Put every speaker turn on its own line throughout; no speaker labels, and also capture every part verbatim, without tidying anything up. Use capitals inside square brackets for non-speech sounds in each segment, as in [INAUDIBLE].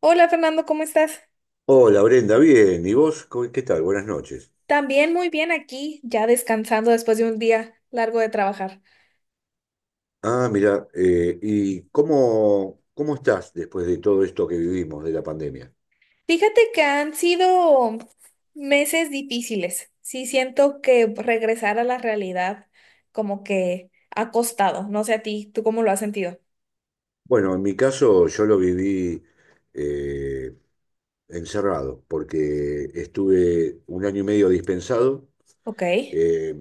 Hola Fernando, ¿cómo estás?
Hola Brenda, bien. ¿Y vos? ¿Cómo- ¿Qué tal? Buenas noches.
También muy bien aquí, ya descansando después de un día largo de trabajar.
Ah, mira, eh, ¿y cómo, cómo estás después de todo esto que vivimos de la pandemia?
Fíjate que han sido meses difíciles. Sí, siento que regresar a la realidad como que ha costado. No sé a ti, ¿tú cómo lo has sentido?
Bueno, en mi caso yo lo viví eh, encerrado, porque estuve un año y medio dispensado
Ok,
eh,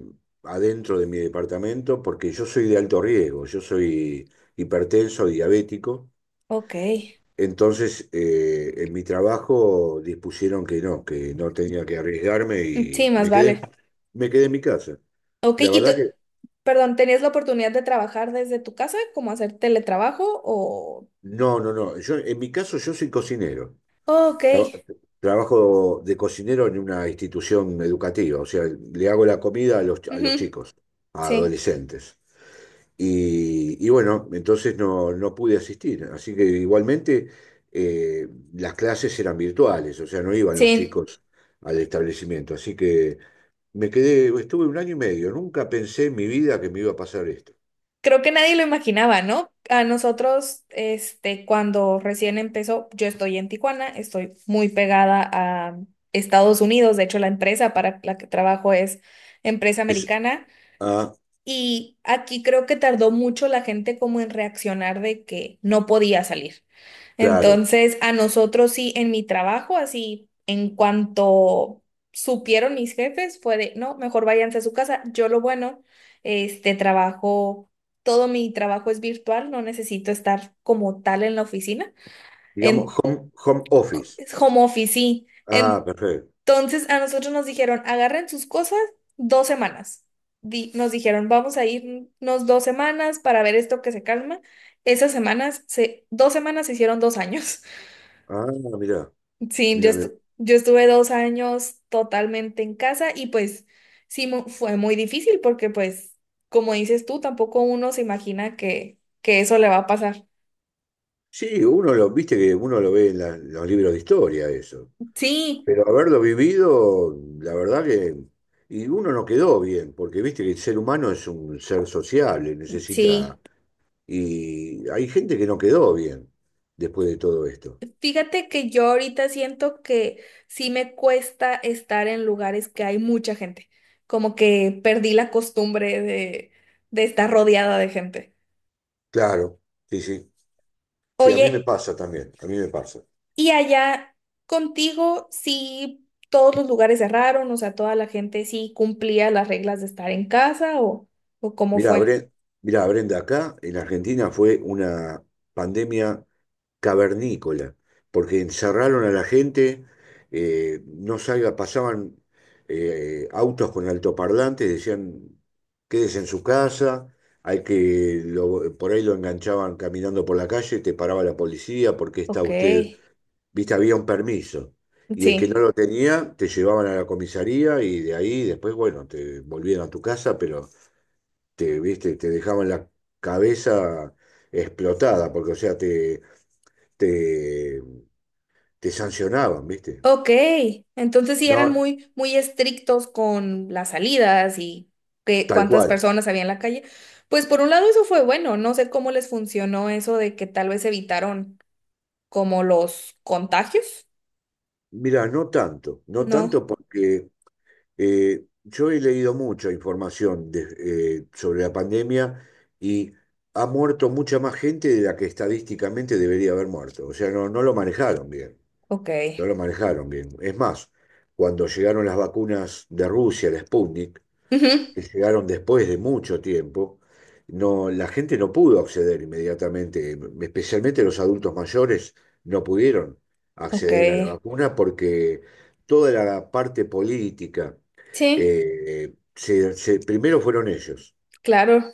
adentro de mi departamento, porque yo soy de alto riesgo, yo soy hipertenso, diabético.
ok.
Entonces, eh, en mi trabajo dispusieron que no, que no tenía que arriesgarme
Sí,
y
más
me quedé,
vale.
me quedé en mi casa.
Ok,
La
y tú,
verdad que
perdón, ¿tenías la oportunidad de trabajar desde tu casa, como hacer teletrabajo o...?
no, no, no. Yo, en mi caso, yo soy cocinero.
Ok.
Tra- Trabajo de cocinero en una institución educativa, o sea, le hago la comida a los, a los
Ujú.
chicos, a
Sí,
adolescentes. Y, y bueno, entonces no, no pude asistir, así que igualmente eh, las clases eran virtuales, o sea, no iban los
sí.
chicos al establecimiento, así que me quedé, estuve un año y medio, nunca pensé en mi vida que me iba a pasar esto.
Creo que nadie lo imaginaba, ¿no? A nosotros, este, cuando recién empezó, yo estoy en Tijuana, estoy muy pegada a Estados Unidos. De hecho, la empresa para la que trabajo es empresa
Es,
americana,
ah,
y aquí creo que tardó mucho la gente como en reaccionar de que no podía salir.
claro,
Entonces, a nosotros sí, en mi trabajo, así, en cuanto supieron mis jefes, fue de, no, mejor váyanse a su casa. Yo lo bueno, este trabajo, todo mi trabajo es virtual, no necesito estar como tal en la oficina,
digamos,
en
home, home office.
es home office, sí.
Ah, perfecto.
Entonces, a nosotros nos dijeron, agarren sus cosas dos semanas. Di- nos dijeron, vamos a irnos dos semanas para ver esto que se calma. Esas semanas, se, dos semanas se hicieron dos años.
Ah, mirá,
Sí, yo,
mirá, mirá.
estu- yo estuve dos años totalmente en casa, y pues sí mu- fue muy difícil porque, pues, como dices tú, tampoco uno se imagina que, que eso le va a pasar.
Sí, uno lo, viste que uno lo ve en la- los libros de historia eso,
Sí,
pero haberlo vivido, la verdad que, y uno no quedó bien, porque viste que el ser humano es un ser sociable,
sí.
necesita, y hay gente que no quedó bien después de todo esto.
Fíjate que yo ahorita siento que sí me cuesta estar en lugares que hay mucha gente, como que perdí la costumbre de, de estar rodeada de gente.
Claro, sí, sí, sí, a mí me
Oye,
pasa también, a mí me pasa.
y allá contigo, sí, todos los lugares cerraron, o sea, toda la gente sí cumplía las reglas de estar en casa, o, o cómo
Mirá,
fue.
Brenda, Mirá, Brenda, acá en Argentina fue una pandemia cavernícola, porque encerraron a la gente, eh, no salga, pasaban eh, autos con altoparlantes, decían, quédese en su casa, hay que, lo- por ahí lo enganchaban caminando por la calle, te paraba la policía, porque está
Ok,
usted, viste, había un permiso. Y el que no
sí,
lo tenía, te llevaban a la comisaría y de ahí después, bueno, te volvían a tu casa, pero te, viste, te dejaban la cabeza explotada, porque, o sea, te, te te sancionaban, ¿viste?
ok. Entonces sí eran
No,
muy, muy estrictos con las salidas y que,
tal
cuántas
cual.
personas había en la calle. Pues por un lado eso fue bueno, no sé cómo les funcionó eso de que tal vez evitaron como los contagios.
Mira, no tanto, no tanto
No,
porque eh, yo he leído mucha información de- eh, sobre la pandemia y ha muerto mucha más gente de la que estadísticamente debería haber muerto. O sea, no, no lo manejaron bien,
ok.
no lo manejaron bien. Es más, cuando llegaron las vacunas de Rusia, la Sputnik,
Ujú.
que llegaron después de mucho tiempo, no, la gente no pudo acceder inmediatamente, especialmente los adultos mayores no pudieron
Ok,
acceder a la vacuna porque toda la parte política,
sí,
eh, se- se- primero fueron ellos,
claro.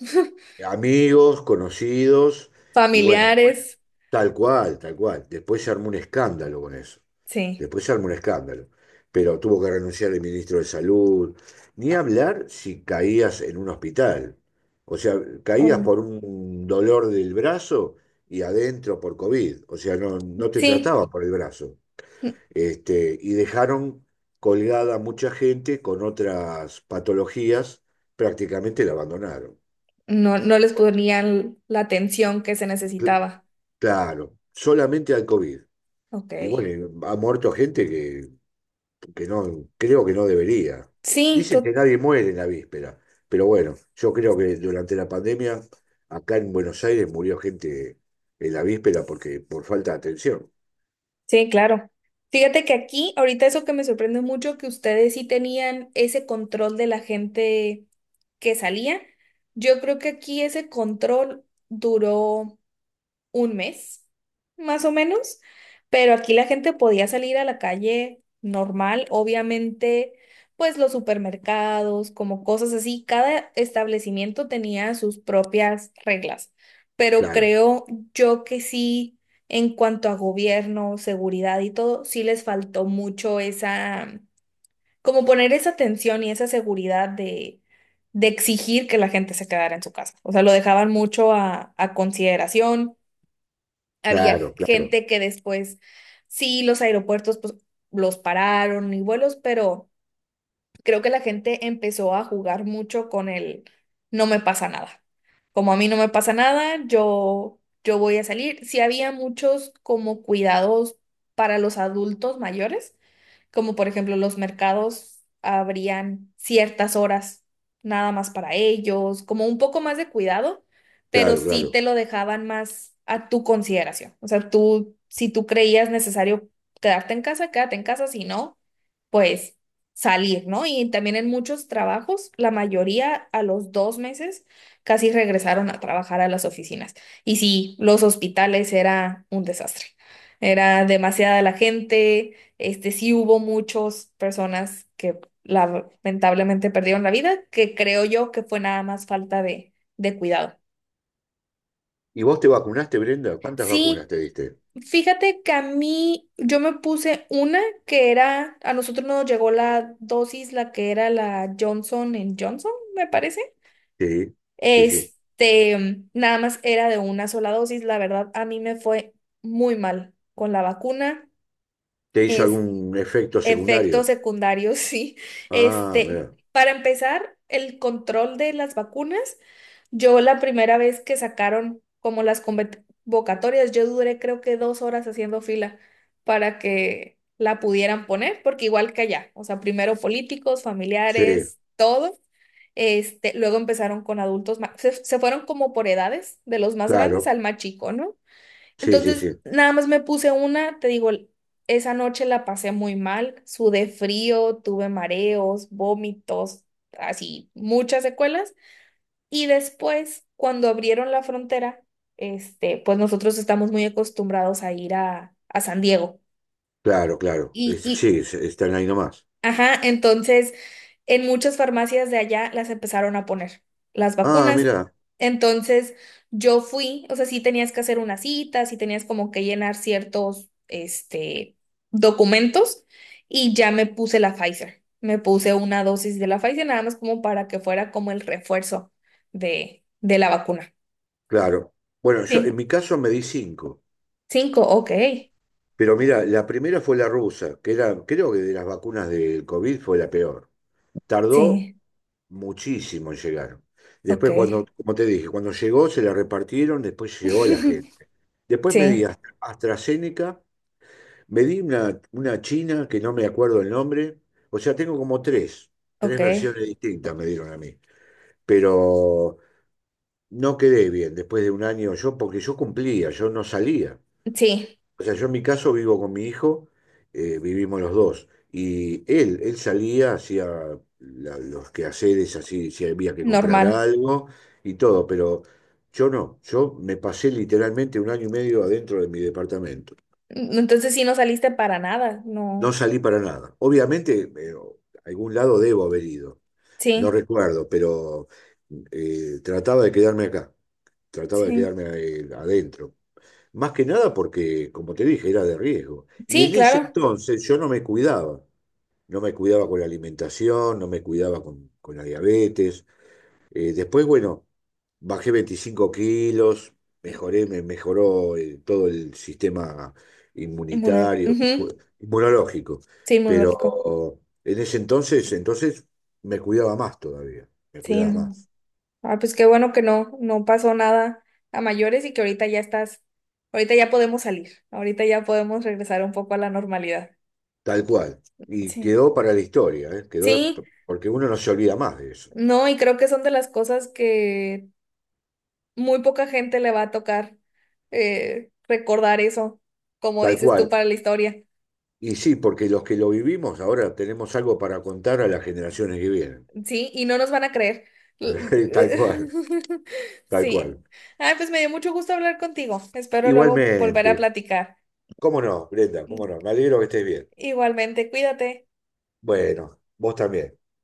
amigos, conocidos, y bueno, después,
Familiares.
tal cual, tal cual. Después se armó un escándalo con eso.
Sí.
Después se armó un escándalo. Pero tuvo que renunciar el ministro de Salud. Ni hablar si caías en un hospital. O sea, caías
Ay.
por un dolor del brazo y adentro por COVID. O sea, no, no te
Sí,
trataba por el brazo.
n-
Este, y dejaron colgada a mucha gente con otras patologías, prácticamente la abandonaron.
no, no les ponían la atención que se necesitaba.
Claro, solamente al COVID.
Ok.
Y bueno, ha muerto gente que, que no, creo que no debería.
Sí,
Dicen que
to-
nadie muere en la víspera, pero bueno, yo creo que durante la pandemia, acá en Buenos Aires murió gente en la víspera porque por falta de atención.
sí, claro. Fíjate que aquí, ahorita, eso que me sorprende mucho, que ustedes sí tenían ese control de la gente que salía. Yo creo que aquí ese control duró un mes, más o menos, pero aquí la gente podía salir a la calle normal, obviamente. Pues los supermercados, como cosas así, cada establecimiento tenía sus propias reglas, pero
Claro,
creo yo que sí, en cuanto a gobierno, seguridad y todo, sí les faltó mucho esa, como poner esa atención y esa seguridad de... de exigir que la gente se quedara en su casa. O sea, lo dejaban mucho a a consideración, había
claro, claro,
gente que después, sí, los aeropuertos pues, los pararon y vuelos, pero creo que la gente empezó a jugar mucho con el no me pasa nada. Como a mí no me pasa nada, yo, yo voy a salir. Sí había muchos como cuidados para los adultos mayores, como por ejemplo los mercados abrían ciertas horas nada más para ellos, como un poco más de cuidado. Pero
claro,
sí
claro.
te lo dejaban más a tu consideración. O sea, tú, si tú creías necesario quedarte en casa, quédate en casa; si no, pues salir, ¿no? Y también en muchos trabajos, la mayoría a los dos meses casi regresaron a trabajar a las oficinas. Y sí, los hospitales era un desastre. Era demasiada la gente, este, sí hubo muchas personas que lamentablemente perdieron la vida, que creo yo que fue nada más falta de, de cuidado.
¿Y vos te vacunaste, Brenda? ¿Cuántas vacunas
Sí,
te diste?
fíjate que a mí yo me puse una que era, a nosotros nos llegó la dosis, la que era la Johnson Johnson, me parece.
Sí, sí, sí.
Este, Nada más era de una sola dosis. La verdad, a mí me fue muy mal con la vacuna.
¿Te hizo algún efecto
Efectos
secundario?
secundarios, [LAUGHS] sí.
Ah,
Este,
mirá.
para empezar, el control de las vacunas. Yo la primera vez que sacaron como las convocatorias, yo duré creo que dos horas haciendo fila para que la pudieran poner, porque igual que allá, o sea, primero políticos,
Sí,
familiares, todo. Este, luego empezaron con adultos, ma- se, se fueron como por edades, de los más grandes
claro.
al más chico, ¿no?
Sí, sí,
Entonces,
sí.
nada más me puse una, te digo, esa noche la pasé muy mal, sudé frío, tuve mareos, vómitos, así, muchas secuelas. Y después, cuando abrieron la frontera, este, pues nosotros estamos muy acostumbrados a ir a, a San Diego.
Claro, claro. Es-
Y,
sí, es- están ahí nomás.
ajá, entonces en muchas farmacias de allá las empezaron a poner, las
Ah,
vacunas.
mira,
Entonces yo fui, o sea, sí tenías que hacer una cita, sí tenías como que llenar ciertos, este, documentos, y ya me puse la Pfizer. Me puse una dosis de la Pfizer nada más como para que fuera como el refuerzo de, de la vacuna.
claro. Bueno, yo
Sí,
en mi caso me di cinco.
cinco, ok.
Pero mira, la primera fue la rusa, que era, creo que de las vacunas del COVID fue la peor. Tardó
Sí,
muchísimo en llegar.
ok.
Después, cuando, como te dije, cuando llegó se la repartieron, después llegó a la
[LAUGHS]
gente. Después me di
Sí,
Astra- AstraZeneca, me di una, una china que no me acuerdo el nombre. O sea, tengo como tres, tres
ok.
versiones distintas me dieron a mí. Pero no quedé bien después de un año yo, porque yo cumplía, yo no salía.
Sí,
O sea, yo en mi caso vivo con mi hijo, eh, vivimos los dos. Y él, él salía, hacía la- los quehaceres, así, si había que comprar
normal.
algo y todo, pero yo no. Yo me pasé literalmente un año y medio adentro de mi departamento.
Entonces, sí, no saliste para nada,
No
no.
salí para nada. Obviamente, eh, a algún lado debo haber ido. No
Sí,
recuerdo, pero eh, trataba de quedarme acá, trataba de
sí.
quedarme eh, adentro. Más que nada porque, como te dije, era de riesgo. Y
Sí,
en ese
claro.
entonces yo no me cuidaba. No me cuidaba con la alimentación, no me cuidaba con, con la diabetes. Eh, después, bueno, bajé veinticinco kilos, mejoré, me mejoró eh, todo el sistema
Inmunol-
inmunitario,
ujú.
cu- inmunológico.
Sí, inmunológico.
Pero en ese entonces, entonces me cuidaba más todavía, me
Sí,
cuidaba
no.
más,
Ah, pues qué bueno que no, no pasó nada a mayores y que ahorita ya estás, ahorita ya podemos salir, ahorita ya podemos regresar un poco a la normalidad.
tal cual. Y
Sí.
quedó para la historia, ¿eh? Quedó
Sí,
porque uno no se olvida más de eso.
no, y creo que son de las cosas que muy poca gente le va a tocar eh, recordar eso, como
Tal
dices tú,
cual.
para la historia.
Y sí, porque los que lo vivimos ahora tenemos algo para contar a las generaciones que vienen.
Sí, y no nos van a creer.
[LAUGHS] Tal cual,
[LAUGHS]
tal
Sí.
cual.
Ay, pues me dio mucho gusto hablar contigo. Espero luego volver a
Igualmente.
platicar.
¿Cómo no, Brenda? ¿Cómo no? Me alegro que estés bien.
Igualmente, cuídate.
Bueno, vos también. Bueno.